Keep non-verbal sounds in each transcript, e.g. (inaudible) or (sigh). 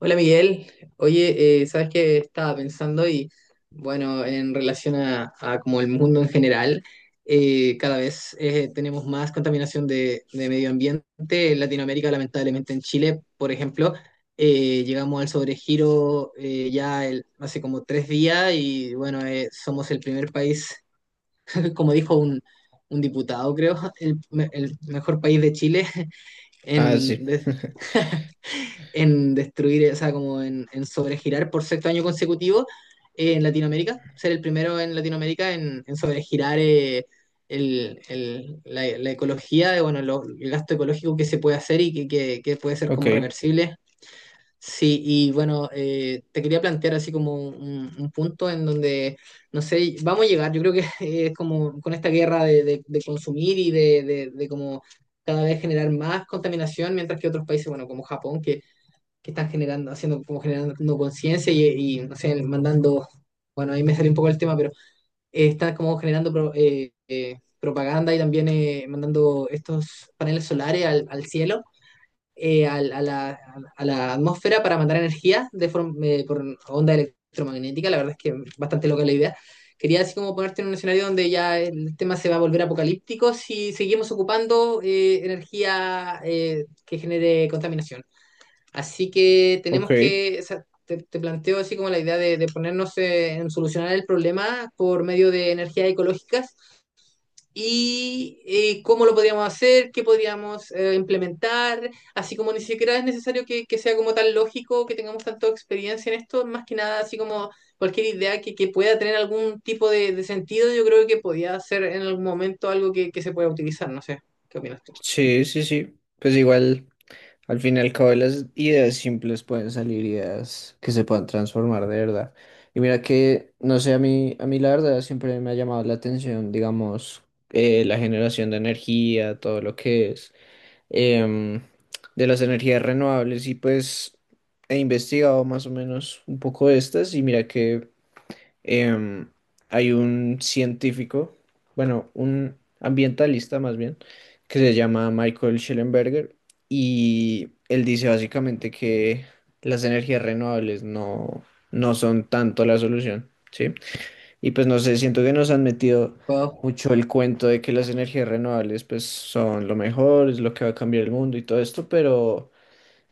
Hola, Miguel. Oye, sabes, que estaba pensando y bueno, en relación a como el mundo en general, cada vez tenemos más contaminación de medio ambiente. En Latinoamérica, lamentablemente, en Chile, por ejemplo, llegamos al sobregiro ya hace como tres días y bueno, somos el primer país, (laughs) como dijo un diputado, creo, (laughs) el mejor país de Chile (laughs) Ah, sí. en, en destruir, o sea, como en sobregirar por sexto año consecutivo en Latinoamérica, ser el primero en Latinoamérica en sobregirar la ecología, bueno, el gasto ecológico que se puede hacer y que puede ser Ok, como reversible. Sí, y bueno, te quería plantear así como un punto en donde, no sé, vamos a llegar, yo creo que (laughs) es como con esta guerra de consumir y de como cada vez generar más contaminación, mientras que otros países, bueno, como Japón, que están generando, haciendo como generando conciencia y, no sé, mandando, bueno, ahí me salió un poco el tema, pero están como generando propaganda y también mandando estos paneles solares al cielo, eh, al- a, la, a la atmósfera para mandar energía de forma, por onda electromagnética. La verdad es que bastante loca la idea. Quería así como ponerte en un escenario donde ya el tema se va a volver apocalíptico si seguimos ocupando energía que genere contaminación. Así que ok. tenemos que, o sea, te planteo así como la idea de ponernos en solucionar el problema por medio de energías ecológicas y cómo lo podríamos hacer, qué podríamos implementar, así como ni siquiera es necesario que sea como tan lógico, que tengamos tanta experiencia en esto, más que nada así como cualquier idea que pueda tener algún tipo de sentido. Yo creo que podría ser en algún momento algo que se pueda utilizar, no sé, ¿qué opinas tú? Sí, sí, sí. Pues igual, al fin y al cabo, de las ideas simples pueden salir ideas que se puedan transformar de verdad. Y mira que, no sé, a mí la verdad siempre me ha llamado la atención, digamos, la generación de energía, todo lo que es em, de las energías renovables. Y pues he investigado más o menos un poco de estas y mira que em, hay un científico, bueno, un ambientalista más bien, que se llama Michael Schellenberger y él dice básicamente que las energías renovables no son tanto la solución, ¿sí? Y pues no sé, siento que nos han metido Wow. mucho el cuento de que las energías renovables pues son lo mejor, es lo que va a cambiar el mundo y todo esto, pero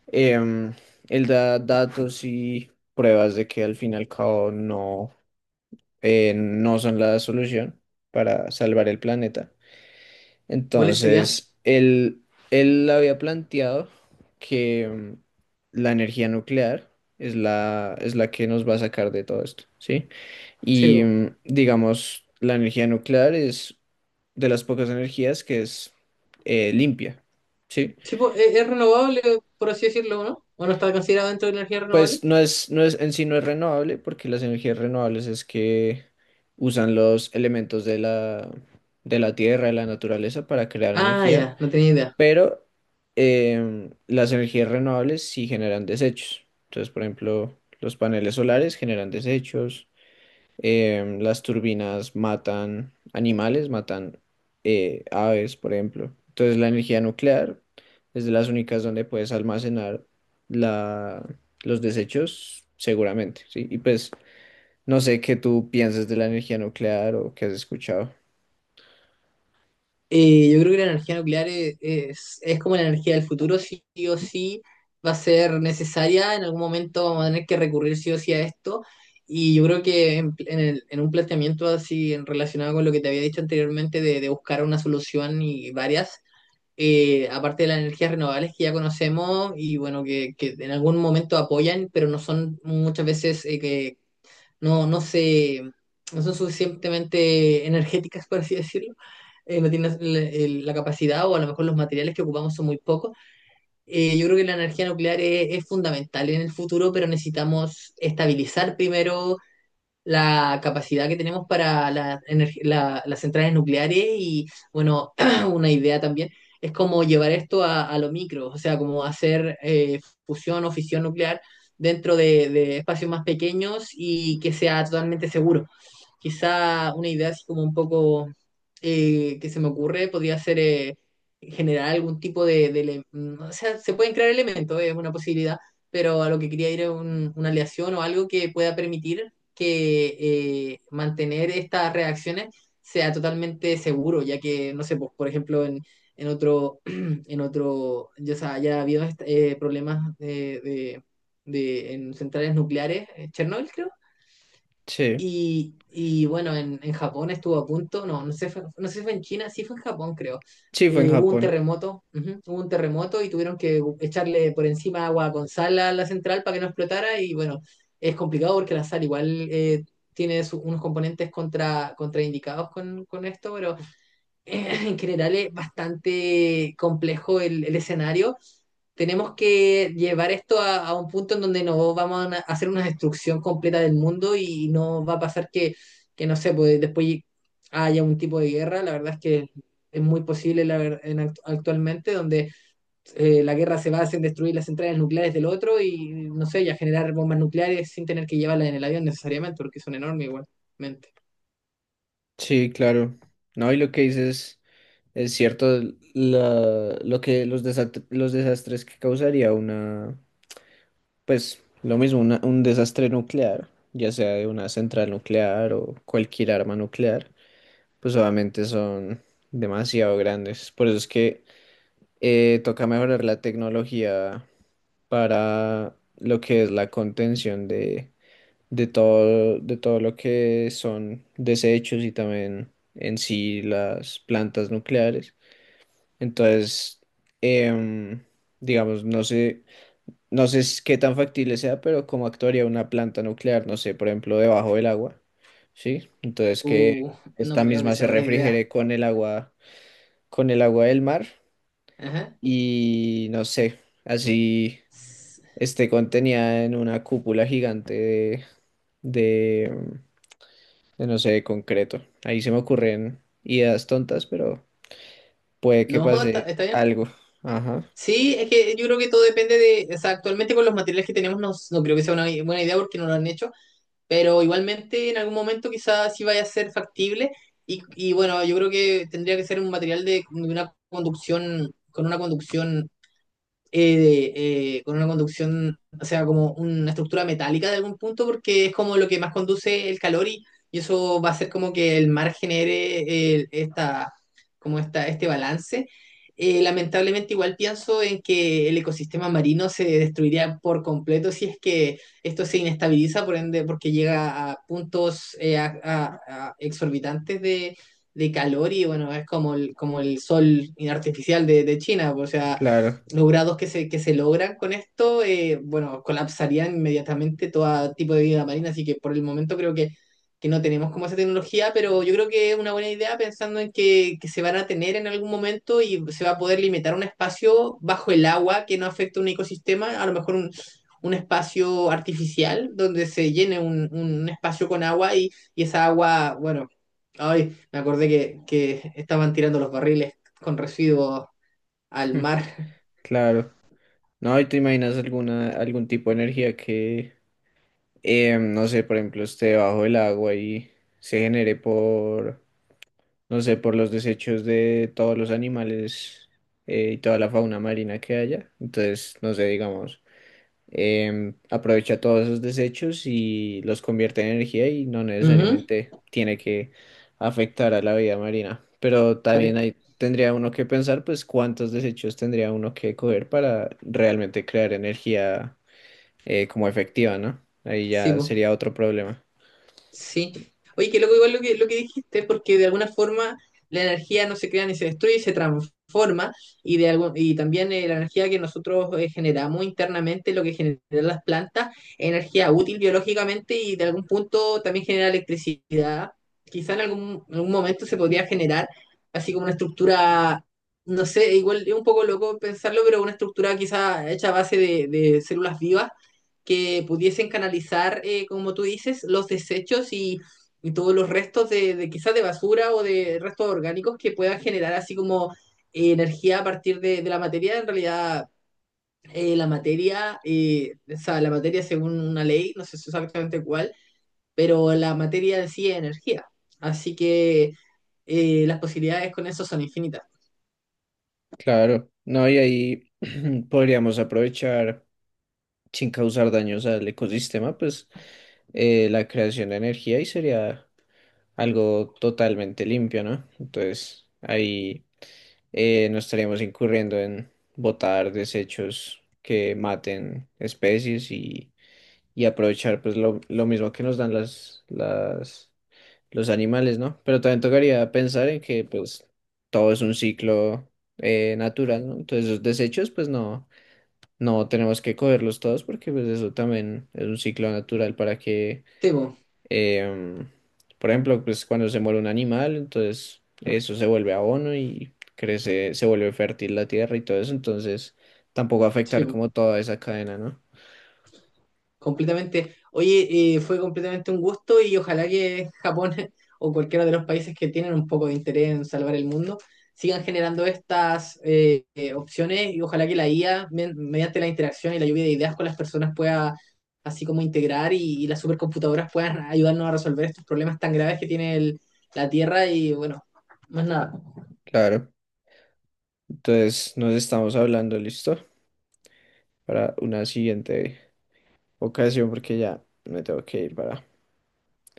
em, él da datos y pruebas de que al fin y al cabo no son la solución para salvar el planeta. ¿Cuáles serían? Entonces, él había planteado que la energía nuclear es la que nos va a sacar de todo esto, ¿sí? Y Sí. Digamos, la energía nuclear es de las pocas energías que es limpia, ¿sí? Sí, po, es renovable, por así decirlo, ¿no? ¿O no está considerado dentro de la energía renovable? Pues no es, en sí no es renovable, porque las energías renovables es que usan los elementos de de la tierra, de la naturaleza para crear Ah, energía, ya, no tenía idea. pero las energías renovables sí generan desechos. Entonces, por ejemplo, los paneles solares generan desechos, las turbinas matan animales, matan aves, por ejemplo. Entonces la energía nuclear es de las únicas donde puedes almacenar la, los desechos seguramente, ¿sí? Y pues no sé qué tú pienses de la energía nuclear o qué has escuchado. Yo creo que la energía nuclear es como la energía del futuro, sí o sí va a ser necesaria. En algún momento vamos a tener que recurrir sí o sí a esto, y yo creo que en un planteamiento así relacionado con lo que te había dicho anteriormente de buscar una solución y varias, aparte de las energías renovables que ya conocemos y bueno, que en algún momento apoyan, pero no son muchas veces que no, no son suficientemente energéticas, por así decirlo. No tienen la capacidad o a lo mejor los materiales que ocupamos son muy pocos. Yo creo que la energía nuclear es fundamental en el futuro, pero necesitamos estabilizar primero la capacidad que tenemos para las centrales nucleares y bueno, (clears throat) una idea también es como llevar esto a lo micro, o sea, como hacer fusión o fisión nuclear dentro de espacios más pequeños y que sea totalmente seguro. Quizá una idea así como un poco que se me ocurre podría ser generar algún tipo o sea, se pueden crear elementos, es una posibilidad, pero a lo que quería ir es una aleación o algo que pueda permitir que mantener estas reacciones sea totalmente seguro, ya que, no sé, pues, por ejemplo, (clears throat) en otro, ya, ya ha habido problemas de, en centrales nucleares. Eh, Chernobyl, creo, Sí, y bueno, en Japón estuvo a punto, no, no sé, no sé si fue en China, sí fue en Japón, creo. sí, fue en Hubo un Japón. terremoto, ujú, hubo un terremoto y tuvieron que echarle por encima agua con sal a la central para que no explotara. Y bueno, es complicado porque la sal igual tiene unos componentes contra, contraindicados con esto, pero (laughs) en general es bastante complejo el escenario. Tenemos que llevar esto a un punto en donde no vamos a a hacer una destrucción completa del mundo y no va a pasar que no sé, pues después haya un tipo de guerra. La verdad es que es muy posible la ver- en act- actualmente, donde la guerra se basa en destruir las centrales nucleares del otro y, no sé, ya generar bombas nucleares sin tener que llevarlas en el avión necesariamente, porque son enormes igualmente. Sí, claro. No, y lo que dices es cierto, lo que los desastres que causaría una. Pues lo mismo, un desastre nuclear, ya sea de una central nuclear o cualquier arma nuclear, pues obviamente son demasiado grandes. Por eso es que toca mejorar la tecnología para lo que es la contención de todo lo que son desechos y también en sí las plantas nucleares. Entonces, em, digamos, no sé. Qué tan factible sea, pero cómo actuaría una planta nuclear, no sé, por ejemplo, debajo del agua, ¿sí? Entonces que Uh, no esta creo que misma sea se buena idea. refrigere con el agua del mar Ajá. y no sé, así esté contenida en una cúpula gigante de, de, no sé, de concreto. Ahí se me ocurren ideas tontas, pero puede que No, está, pase está bien. algo. Ajá, Sí, es que yo creo que todo depende de, o sea, actualmente con los materiales que tenemos no, no creo que sea una buena idea porque no lo han hecho, pero igualmente en algún momento quizás sí vaya a ser factible y bueno, yo creo que tendría que ser un material de una conducción, con una conducción con una conducción, o sea, como una estructura metálica de algún punto, porque es como lo que más conduce el calor y eso va a hacer como que el mar genere esta, este balance. Lamentablemente igual pienso en que el ecosistema marino se destruiría por completo si es que esto se inestabiliza, por ende, porque llega a puntos a exorbitantes de calor. Y bueno, es como el sol artificial de China. O sea, claro, los grados que se logran con esto, bueno, colapsarían inmediatamente todo tipo de vida marina, así que por el momento creo que no tenemos como esa tecnología, pero yo creo que es una buena idea, pensando en que se van a tener en algún momento y se va a poder limitar un espacio bajo el agua que no afecte un ecosistema, a lo mejor un espacio artificial donde se llene un espacio con agua, y esa agua, bueno, ay, me acordé que estaban tirando los barriles con residuos al (laughs) mar. claro. No, ¿y te imaginas alguna, algún tipo de energía que no sé, por ejemplo, esté debajo del agua y se genere por, no sé, por los desechos de todos los animales y toda la fauna marina que haya. Entonces, no sé, digamos, aprovecha todos esos desechos y los convierte en energía y no Ujú. necesariamente tiene que afectar a la vida marina. Pero también Pare- ahí tendría uno que pensar, pues, cuántos desechos tendría uno que coger para realmente crear energía como efectiva, ¿no? Ahí sí, ya po, sería otro problema. sí. Oye, qué loco igual lo lo que dijiste, porque de alguna forma la energía no se crea ni se destruye, se transforma, y, de algún, y también la energía que nosotros generamos internamente, lo que generan las plantas, energía útil biológicamente y de algún punto también genera electricidad. Quizá en algún momento se podría generar así como una estructura, no sé, igual es un poco loco pensarlo, pero una estructura quizá hecha a base de células vivas que pudiesen canalizar, como tú dices, los desechos y todos los restos de quizás de basura o de restos orgánicos que puedan generar así como energía a partir de la materia. En realidad, la materia, o sea, la materia, según una ley, no sé exactamente cuál, pero la materia en sí es energía. Así que las posibilidades con eso son infinitas. Claro, no, y ahí (clears throat) podríamos aprovechar sin causar daños al ecosistema, pues la creación de energía y sería algo totalmente limpio, ¿no? Entonces ahí no estaríamos incurriendo en botar desechos que maten especies y aprovechar pues lo mismo que nos dan las los animales, ¿no? Pero también tocaría pensar en que pues todo es un ciclo natural, ¿no? Entonces los desechos pues no tenemos que cogerlos todos porque pues eso también es un ciclo natural para que, Temo, em, por ejemplo, pues cuando se muere un animal, entonces eso se vuelve abono y crece, se vuelve fértil la tierra y todo eso, entonces tampoco afectar sí. como toda esa cadena, ¿no? Completamente. Oye, fue completamente un gusto, y ojalá que Japón (laughs) o cualquiera de los países que tienen un poco de interés en salvar el mundo sigan generando estas opciones, y ojalá que la IA, mediante la interacción y la lluvia de ideas con las personas, pueda así como integrar y las supercomputadoras puedan ayudarnos a resolver estos problemas tan graves que tiene la Tierra, y bueno, más nada. Claro, entonces nos estamos hablando, ¿listo? Para una siguiente ocasión porque ya me tengo que ir para.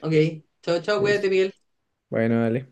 Ok, chao, chao, cuídate, Listo. Miguel. Bueno, dale.